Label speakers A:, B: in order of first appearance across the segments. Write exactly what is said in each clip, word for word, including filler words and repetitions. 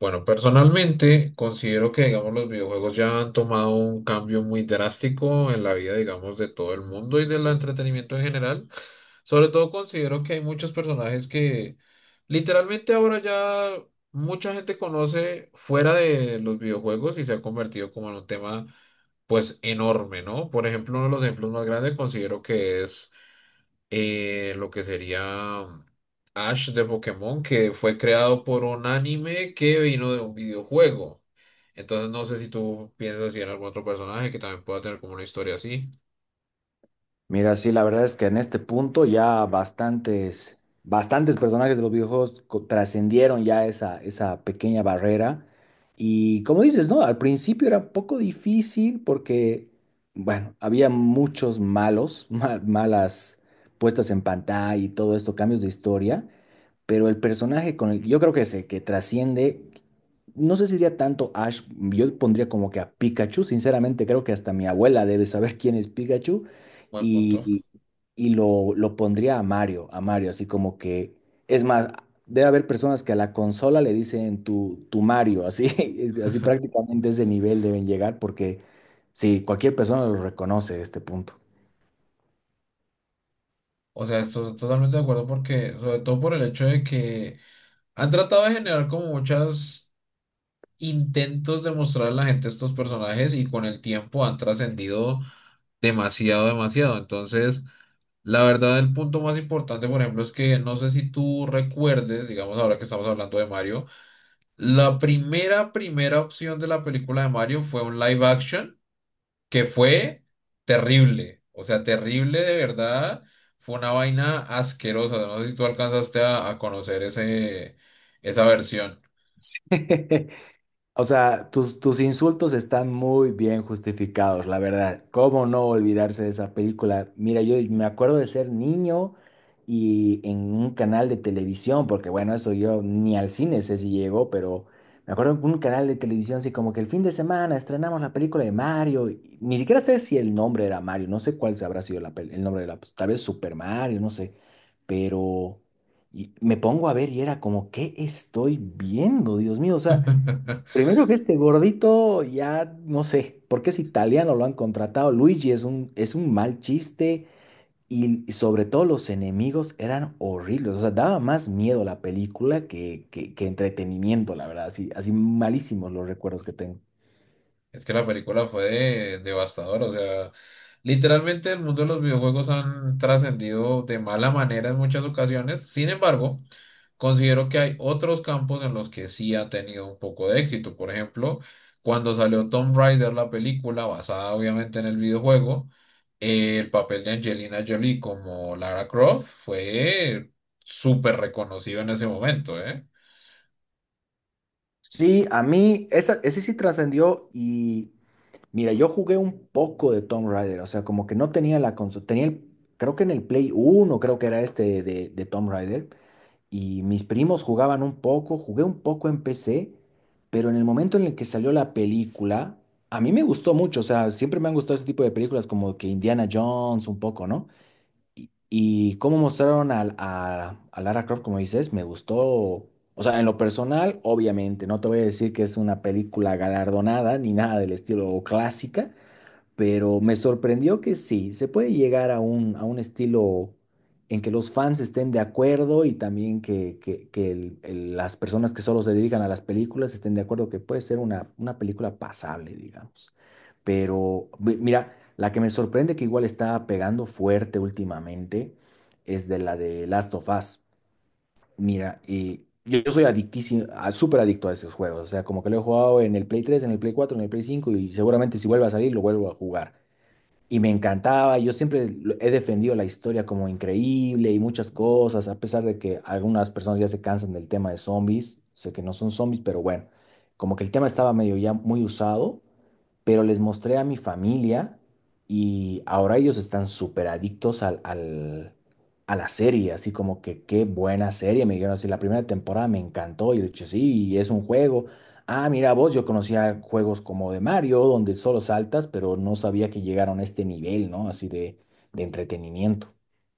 A: Bueno, personalmente considero que, digamos, los videojuegos ya han tomado un cambio muy drástico en la vida, digamos, de todo el mundo y del entretenimiento en general. Sobre todo considero que hay muchos personajes que literalmente ahora ya mucha gente conoce fuera de los videojuegos y se ha convertido como en un tema, pues, enorme, ¿no? Por ejemplo, uno de los ejemplos más grandes considero que es eh, lo que sería Ash de Pokémon, que fue creado por un anime que vino de un videojuego. Entonces no sé si tú piensas si en algún otro personaje que también pueda tener como una historia así.
B: Mira, sí, la verdad es que en este punto ya bastantes, bastantes personajes de los videojuegos co- trascendieron ya esa, esa pequeña barrera. Y como dices, ¿no? Al principio era un poco difícil porque, bueno, había muchos malos, ma- malas puestas en pantalla y todo esto, cambios de historia, pero el personaje con el que yo creo que es el que trasciende, no sé si diría tanto Ash, yo pondría como que a Pikachu. Sinceramente creo que hasta mi abuela debe saber quién es Pikachu,
A: Buen
B: y,
A: punto.
B: y- y lo, lo pondría a Mario, a Mario, así como que, es más, debe haber personas que a la consola le dicen tu, tu Mario, así, es- así prácticamente ese nivel deben llegar porque sí, cualquier persona lo reconoce a este punto.
A: O sea, estoy totalmente de acuerdo porque, sobre todo por el hecho de que han tratado de generar como muchos intentos de mostrar a la gente estos personajes y con el tiempo han trascendido demasiado, demasiado. Entonces, la verdad, el punto más importante, por ejemplo, es que no sé si tú recuerdes, digamos ahora que estamos hablando de Mario, la primera, primera opción de la película de Mario fue un live action que fue terrible, o sea, terrible de verdad, fue una vaina asquerosa, no sé si tú alcanzaste a, a conocer ese, esa versión.
B: Sí. O sea, tus, tus insultos están muy bien justificados, la verdad. ¿Cómo no olvidarse de esa película? Mira, yo me acuerdo de ser niño y en un canal de televisión, porque bueno, eso yo ni al cine sé si llegó, pero me acuerdo en un canal de televisión, así como que el fin de semana estrenamos la película de Mario. Y ni siquiera sé si el nombre era Mario, no sé cuál se habrá sido la pel- el nombre de la, pues, tal vez Super Mario, no sé, pero... Y me pongo a ver y era como, ¿qué estoy viendo? Dios mío, o sea, primero que este gordito, ya no sé, porque es italiano, lo han contratado. Luigi es un, es un mal chiste y, y sobre todo los enemigos eran horribles. O sea, daba más miedo la película que, que, que entretenimiento, la verdad. Así, así malísimos los recuerdos que tengo.
A: Es que la película fue de- devastadora, o sea, literalmente el mundo de los videojuegos han trascendido de mala manera en muchas ocasiones, sin embargo. Considero que hay otros campos en los que sí ha tenido un poco de éxito. Por ejemplo, cuando salió Tomb Raider, la película basada obviamente en el videojuego, eh, el papel de Angelina Jolie como Lara Croft fue súper reconocido en ese momento, ¿eh?
B: Sí, a mí esa, ese sí trascendió y mira, yo jugué un poco de Tomb Raider, o sea, como que no tenía la consola, tenía el, creo que en el Play uno creo que era este de, de Tomb Raider. Y mis primos jugaban un poco, jugué un poco en P C, pero en el momento en el que salió la película, a mí me gustó mucho. O sea, siempre me han gustado ese tipo de películas como que Indiana Jones un poco, ¿no? Y, y cómo mostraron al- a, a Lara Croft, como dices, me gustó. O sea, en lo personal, obviamente, no te voy a decir que es una película galardonada ni nada del estilo o clásica, pero me sorprendió que sí, se puede llegar a un, a un estilo en que los fans estén de acuerdo y también que, que- que el- el- las personas que solo se dedican a las películas estén de acuerdo que puede ser una, una película pasable, digamos. Pero mi- mira, la que me sorprende que igual está pegando fuerte últimamente es de la de Last of Us. Mira, y yo yo soy adictísimo, a- súper adicto a esos juegos. O sea, como que lo he jugado en el Play tres, en el Play cuatro, en el Play cinco, y seguramente si vuelve a salir lo vuelvo a jugar y me encantaba. Yo siempre lo- he defendido la historia como increíble y muchas cosas, a pesar de que algunas personas ya se cansan del tema de zombies. Sé que no son zombies, pero bueno, como que el tema estaba medio ya muy usado, pero les mostré a mi familia y ahora ellos están súper adictos al, al- a la serie, así como que qué buena serie, me dijeron así, la primera temporada me encantó y yo le dije, sí, es un juego. Ah, mira vos, yo conocía juegos como de Mario, donde solo saltas, pero no sabía que llegaron a este nivel, ¿no? Así de, de entretenimiento.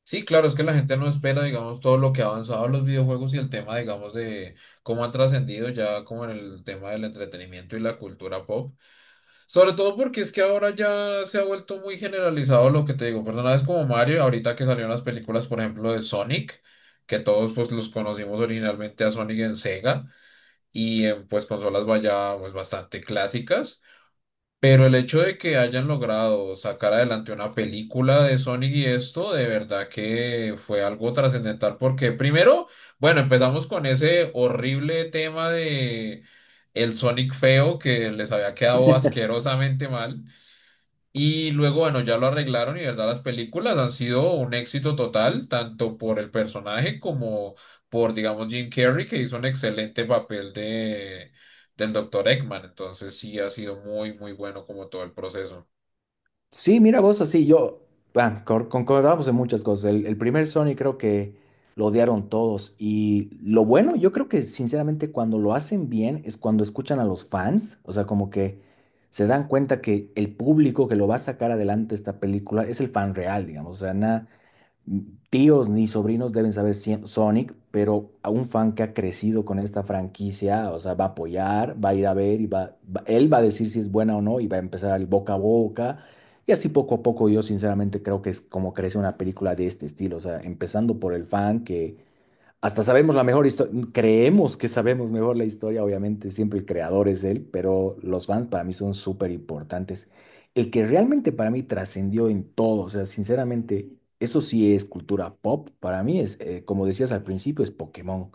A: Sí, claro, es que la gente no espera, digamos, todo lo que ha avanzado los videojuegos y el tema, digamos, de cómo han trascendido ya como en el tema del entretenimiento y la cultura pop. Sobre todo porque es que ahora ya se ha vuelto muy generalizado lo que te digo. Personajes como Mario, ahorita que salieron las películas, por ejemplo, de Sonic, que todos pues los conocimos originalmente a Sonic en Sega y en pues consolas vaya pues bastante clásicas. Pero el hecho de que hayan logrado sacar adelante una película de Sonic y esto, de verdad que fue algo trascendental porque primero, bueno, empezamos con ese horrible tema de el Sonic feo que les había quedado asquerosamente mal. Y luego, bueno, ya lo arreglaron y, verdad, las películas han sido un éxito total, tanto por el personaje como por, digamos, Jim Carrey, que hizo un excelente papel de, del doctor Eggman. Entonces, sí, ha sido muy, muy bueno como todo el proceso.
B: Sí, mira vos, así yo, ah, cor- concordamos en muchas cosas. El, el primer Sony creo que lo odiaron todos. Y lo bueno, yo creo que sinceramente cuando lo hacen bien es cuando escuchan a los fans. O sea, como que se dan cuenta que el público que lo va a sacar adelante esta película es el fan real, digamos. O sea, nada, tíos ni sobrinos deben saber si- Sonic, pero a un fan que ha crecido con esta franquicia, o sea, va a apoyar, va a ir a ver y va, va- él va a decir si es buena o no y va a empezar el boca a boca. Y así poco a poco yo sinceramente creo que es como crece una película de este estilo, o sea, empezando por el fan que hasta sabemos la mejor historia, creemos que sabemos mejor la historia. Obviamente siempre el creador es él, pero los fans para mí son súper importantes. El que realmente para mí trascendió en todo, o sea, sinceramente, eso sí es cultura pop, para mí es, eh, como decías al principio, es Pokémon.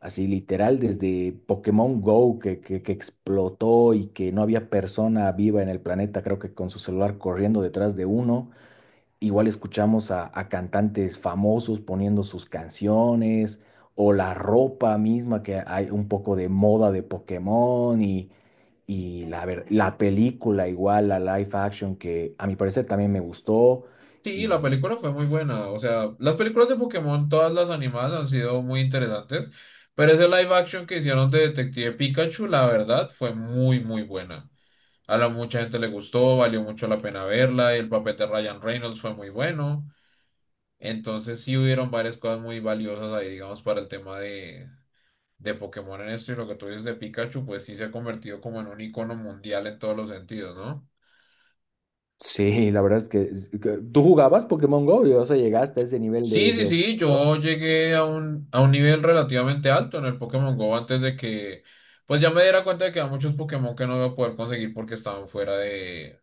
B: Así literal, desde Pokémon Go que, que, que explotó y que no había persona viva en el planeta, creo que con su celular corriendo detrás de uno. Igual escuchamos a, a cantantes famosos poniendo sus canciones o la ropa misma, que hay un poco de moda de Pokémon y, y la, ver- la película igual, la live action, que a mi parecer también me gustó.
A: Sí, la
B: Y
A: película fue muy buena. O sea, las películas de Pokémon, todas las animadas han sido muy interesantes, pero ese live action que hicieron de Detective Pikachu, la verdad, fue muy, muy buena. A la mucha gente le gustó, valió mucho la pena verla, y el papel de Ryan Reynolds fue muy bueno. Entonces sí hubieron varias cosas muy valiosas ahí, digamos, para el tema de, de Pokémon en esto y lo que tú dices de Pikachu, pues sí se ha convertido como en un icono mundial en todos los sentidos, ¿no?
B: sí, la verdad es que es- que- tú jugabas Pokémon Go y o sea, llegaste a ese nivel
A: Sí,
B: de, de
A: sí, sí,
B: obsesión.
A: yo llegué a un, a un nivel relativamente alto en el Pokémon Go antes de que, pues ya me diera cuenta de que había muchos Pokémon que no iba a poder conseguir porque estaban fuera de,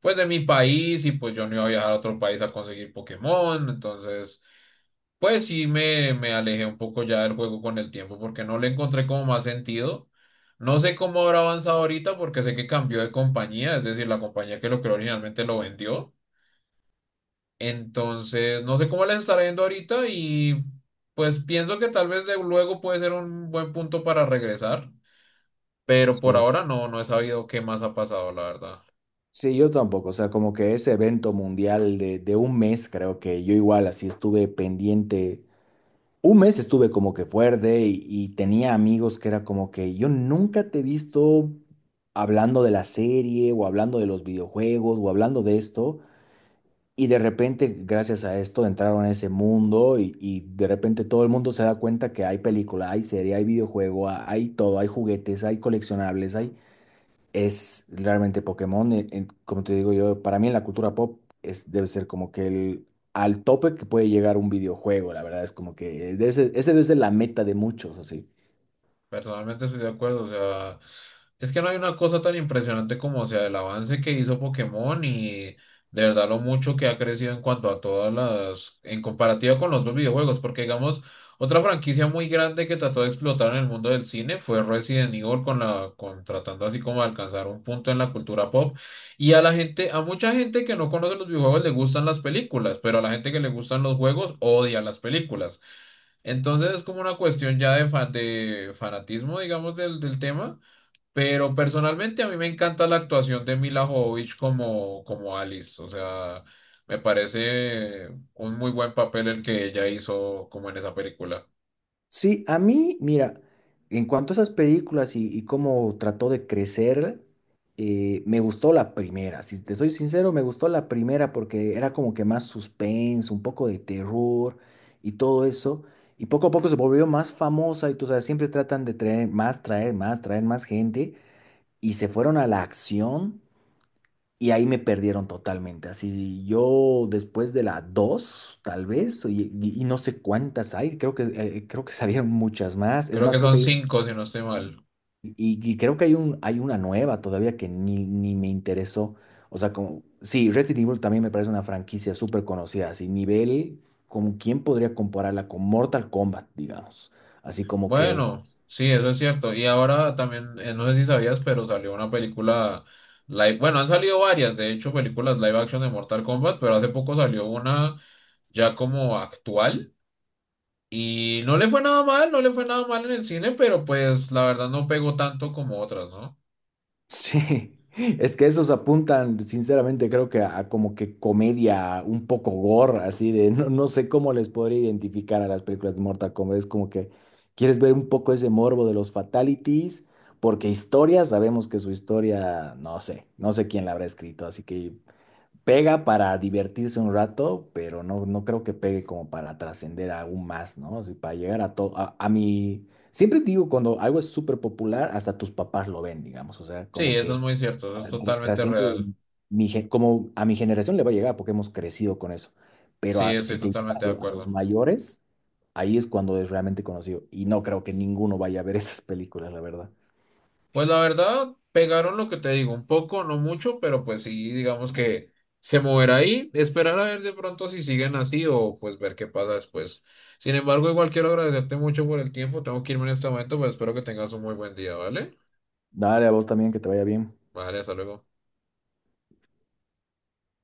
A: pues de mi país y pues yo no iba a viajar a otro país a conseguir Pokémon, entonces, pues sí me, me alejé un poco ya del juego con el tiempo porque no le encontré como más sentido. No sé cómo habrá avanzado ahorita porque sé que cambió de compañía, es decir, la compañía que lo creó originalmente lo vendió. Entonces, no sé cómo les estará yendo ahorita y pues pienso que tal vez de luego puede ser un buen punto para regresar, pero por
B: Sí.
A: ahora no, no he sabido qué más ha pasado, la verdad.
B: Sí, yo tampoco, o sea, como que ese evento mundial de, de un mes, creo que yo igual así estuve pendiente. Un mes estuve como que fuerte y, y tenía amigos que era como que yo nunca te he visto hablando de la serie o hablando de los videojuegos o hablando de esto. Y de repente, gracias a esto, entraron a ese mundo y, y de repente todo el mundo se da cuenta que hay película, hay serie, hay videojuego, ha- hay todo, hay juguetes, hay coleccionables, hay, es realmente Pokémon. En- en- como te digo yo, para mí en la cultura pop es, debe ser como que el al tope que puede llegar un videojuego, la verdad es como que ese, ese debe ser la meta de muchos, así.
A: Personalmente estoy de acuerdo, o sea, es que no hay una cosa tan impresionante como, o sea, el avance que hizo Pokémon y de verdad lo mucho que ha crecido en cuanto a todas las, en comparativa con los dos videojuegos, porque digamos, otra franquicia muy grande que trató de explotar en el mundo del cine fue Resident Evil con la, con tratando así como de alcanzar un punto en la cultura pop y a la gente, a mucha gente que no conoce los videojuegos le gustan las películas, pero a la gente que le gustan los juegos odia las películas. Entonces es como una cuestión ya de, fa- de fanatismo, digamos, del, del tema, pero personalmente a mí me encanta la actuación de Mila Jovovich como, como Alice, o sea, me parece un muy buen papel el que ella hizo como en esa película.
B: Sí, a mí, mira, en cuanto a esas películas y, y cómo trató de crecer, eh, me gustó la primera. Si te soy sincero, me gustó la primera porque era como que más suspense, un poco de terror y todo eso. Y poco a poco se volvió más famosa y tú sabes, siempre tratan de traer más, traer más, traer más gente. Y se fueron a la acción y ahí me perdieron totalmente. Así yo después de la dos tal vez, y, y- y no sé cuántas hay, creo que, eh, eh, creo que salieron muchas más. Es
A: Creo que
B: más, creo
A: son
B: que hay, un-
A: cinco, si no estoy mal.
B: y, y creo que hay, un, hay una nueva todavía que ni, ni me interesó. O sea, como, sí, Resident Evil también me parece una franquicia súper conocida, así nivel, como quién podría compararla con Mortal Kombat, digamos. Así como que
A: Bueno, sí, eso es cierto. Y ahora también, eh, no sé si sabías, pero salió una película live, bueno, han salido varias, de hecho, películas live action de Mortal Kombat, pero hace poco salió una ya como actual. Y no le fue nada mal, no le fue nada mal en el cine, pero pues la verdad no pegó tanto como otras, ¿no?
B: sí, es que esos apuntan, sinceramente, creo que a, a como que comedia, un poco gore, así de, no, no sé cómo les podría identificar a las películas de Mortal Kombat. Es como que quieres ver un poco ese morbo de los fatalities, porque historia, sabemos que su historia, no sé, no sé quién la habrá escrito, así que pega para divertirse un rato, pero no, no creo que pegue como para trascender aún más, ¿no? O sea, para llegar a todo, a, a mi... Siempre digo, cuando algo es súper popular, hasta tus papás lo ven, digamos, o sea,
A: Sí,
B: como
A: eso es
B: que
A: muy cierto, eso es totalmente
B: trasciende,
A: real.
B: mi, gen- como a mi generación le va a llegar porque hemos crecido con eso, pero
A: Sí,
B: a- si
A: estoy
B: te llega a,
A: totalmente de
B: lo- a los
A: acuerdo.
B: mayores, ahí es cuando es realmente conocido, y no creo que ninguno vaya a ver esas películas, la verdad.
A: Pues la verdad, pegaron lo que te digo, un poco, no mucho, pero pues sí, digamos que se moverá ahí, esperar a ver de pronto si siguen así o pues ver qué pasa después. Sin embargo, igual quiero agradecerte mucho por el tiempo, tengo que irme en este momento, pero espero que tengas un muy buen día, ¿vale?
B: Dale, a vos también, que te vaya bien.
A: Vale, hasta luego.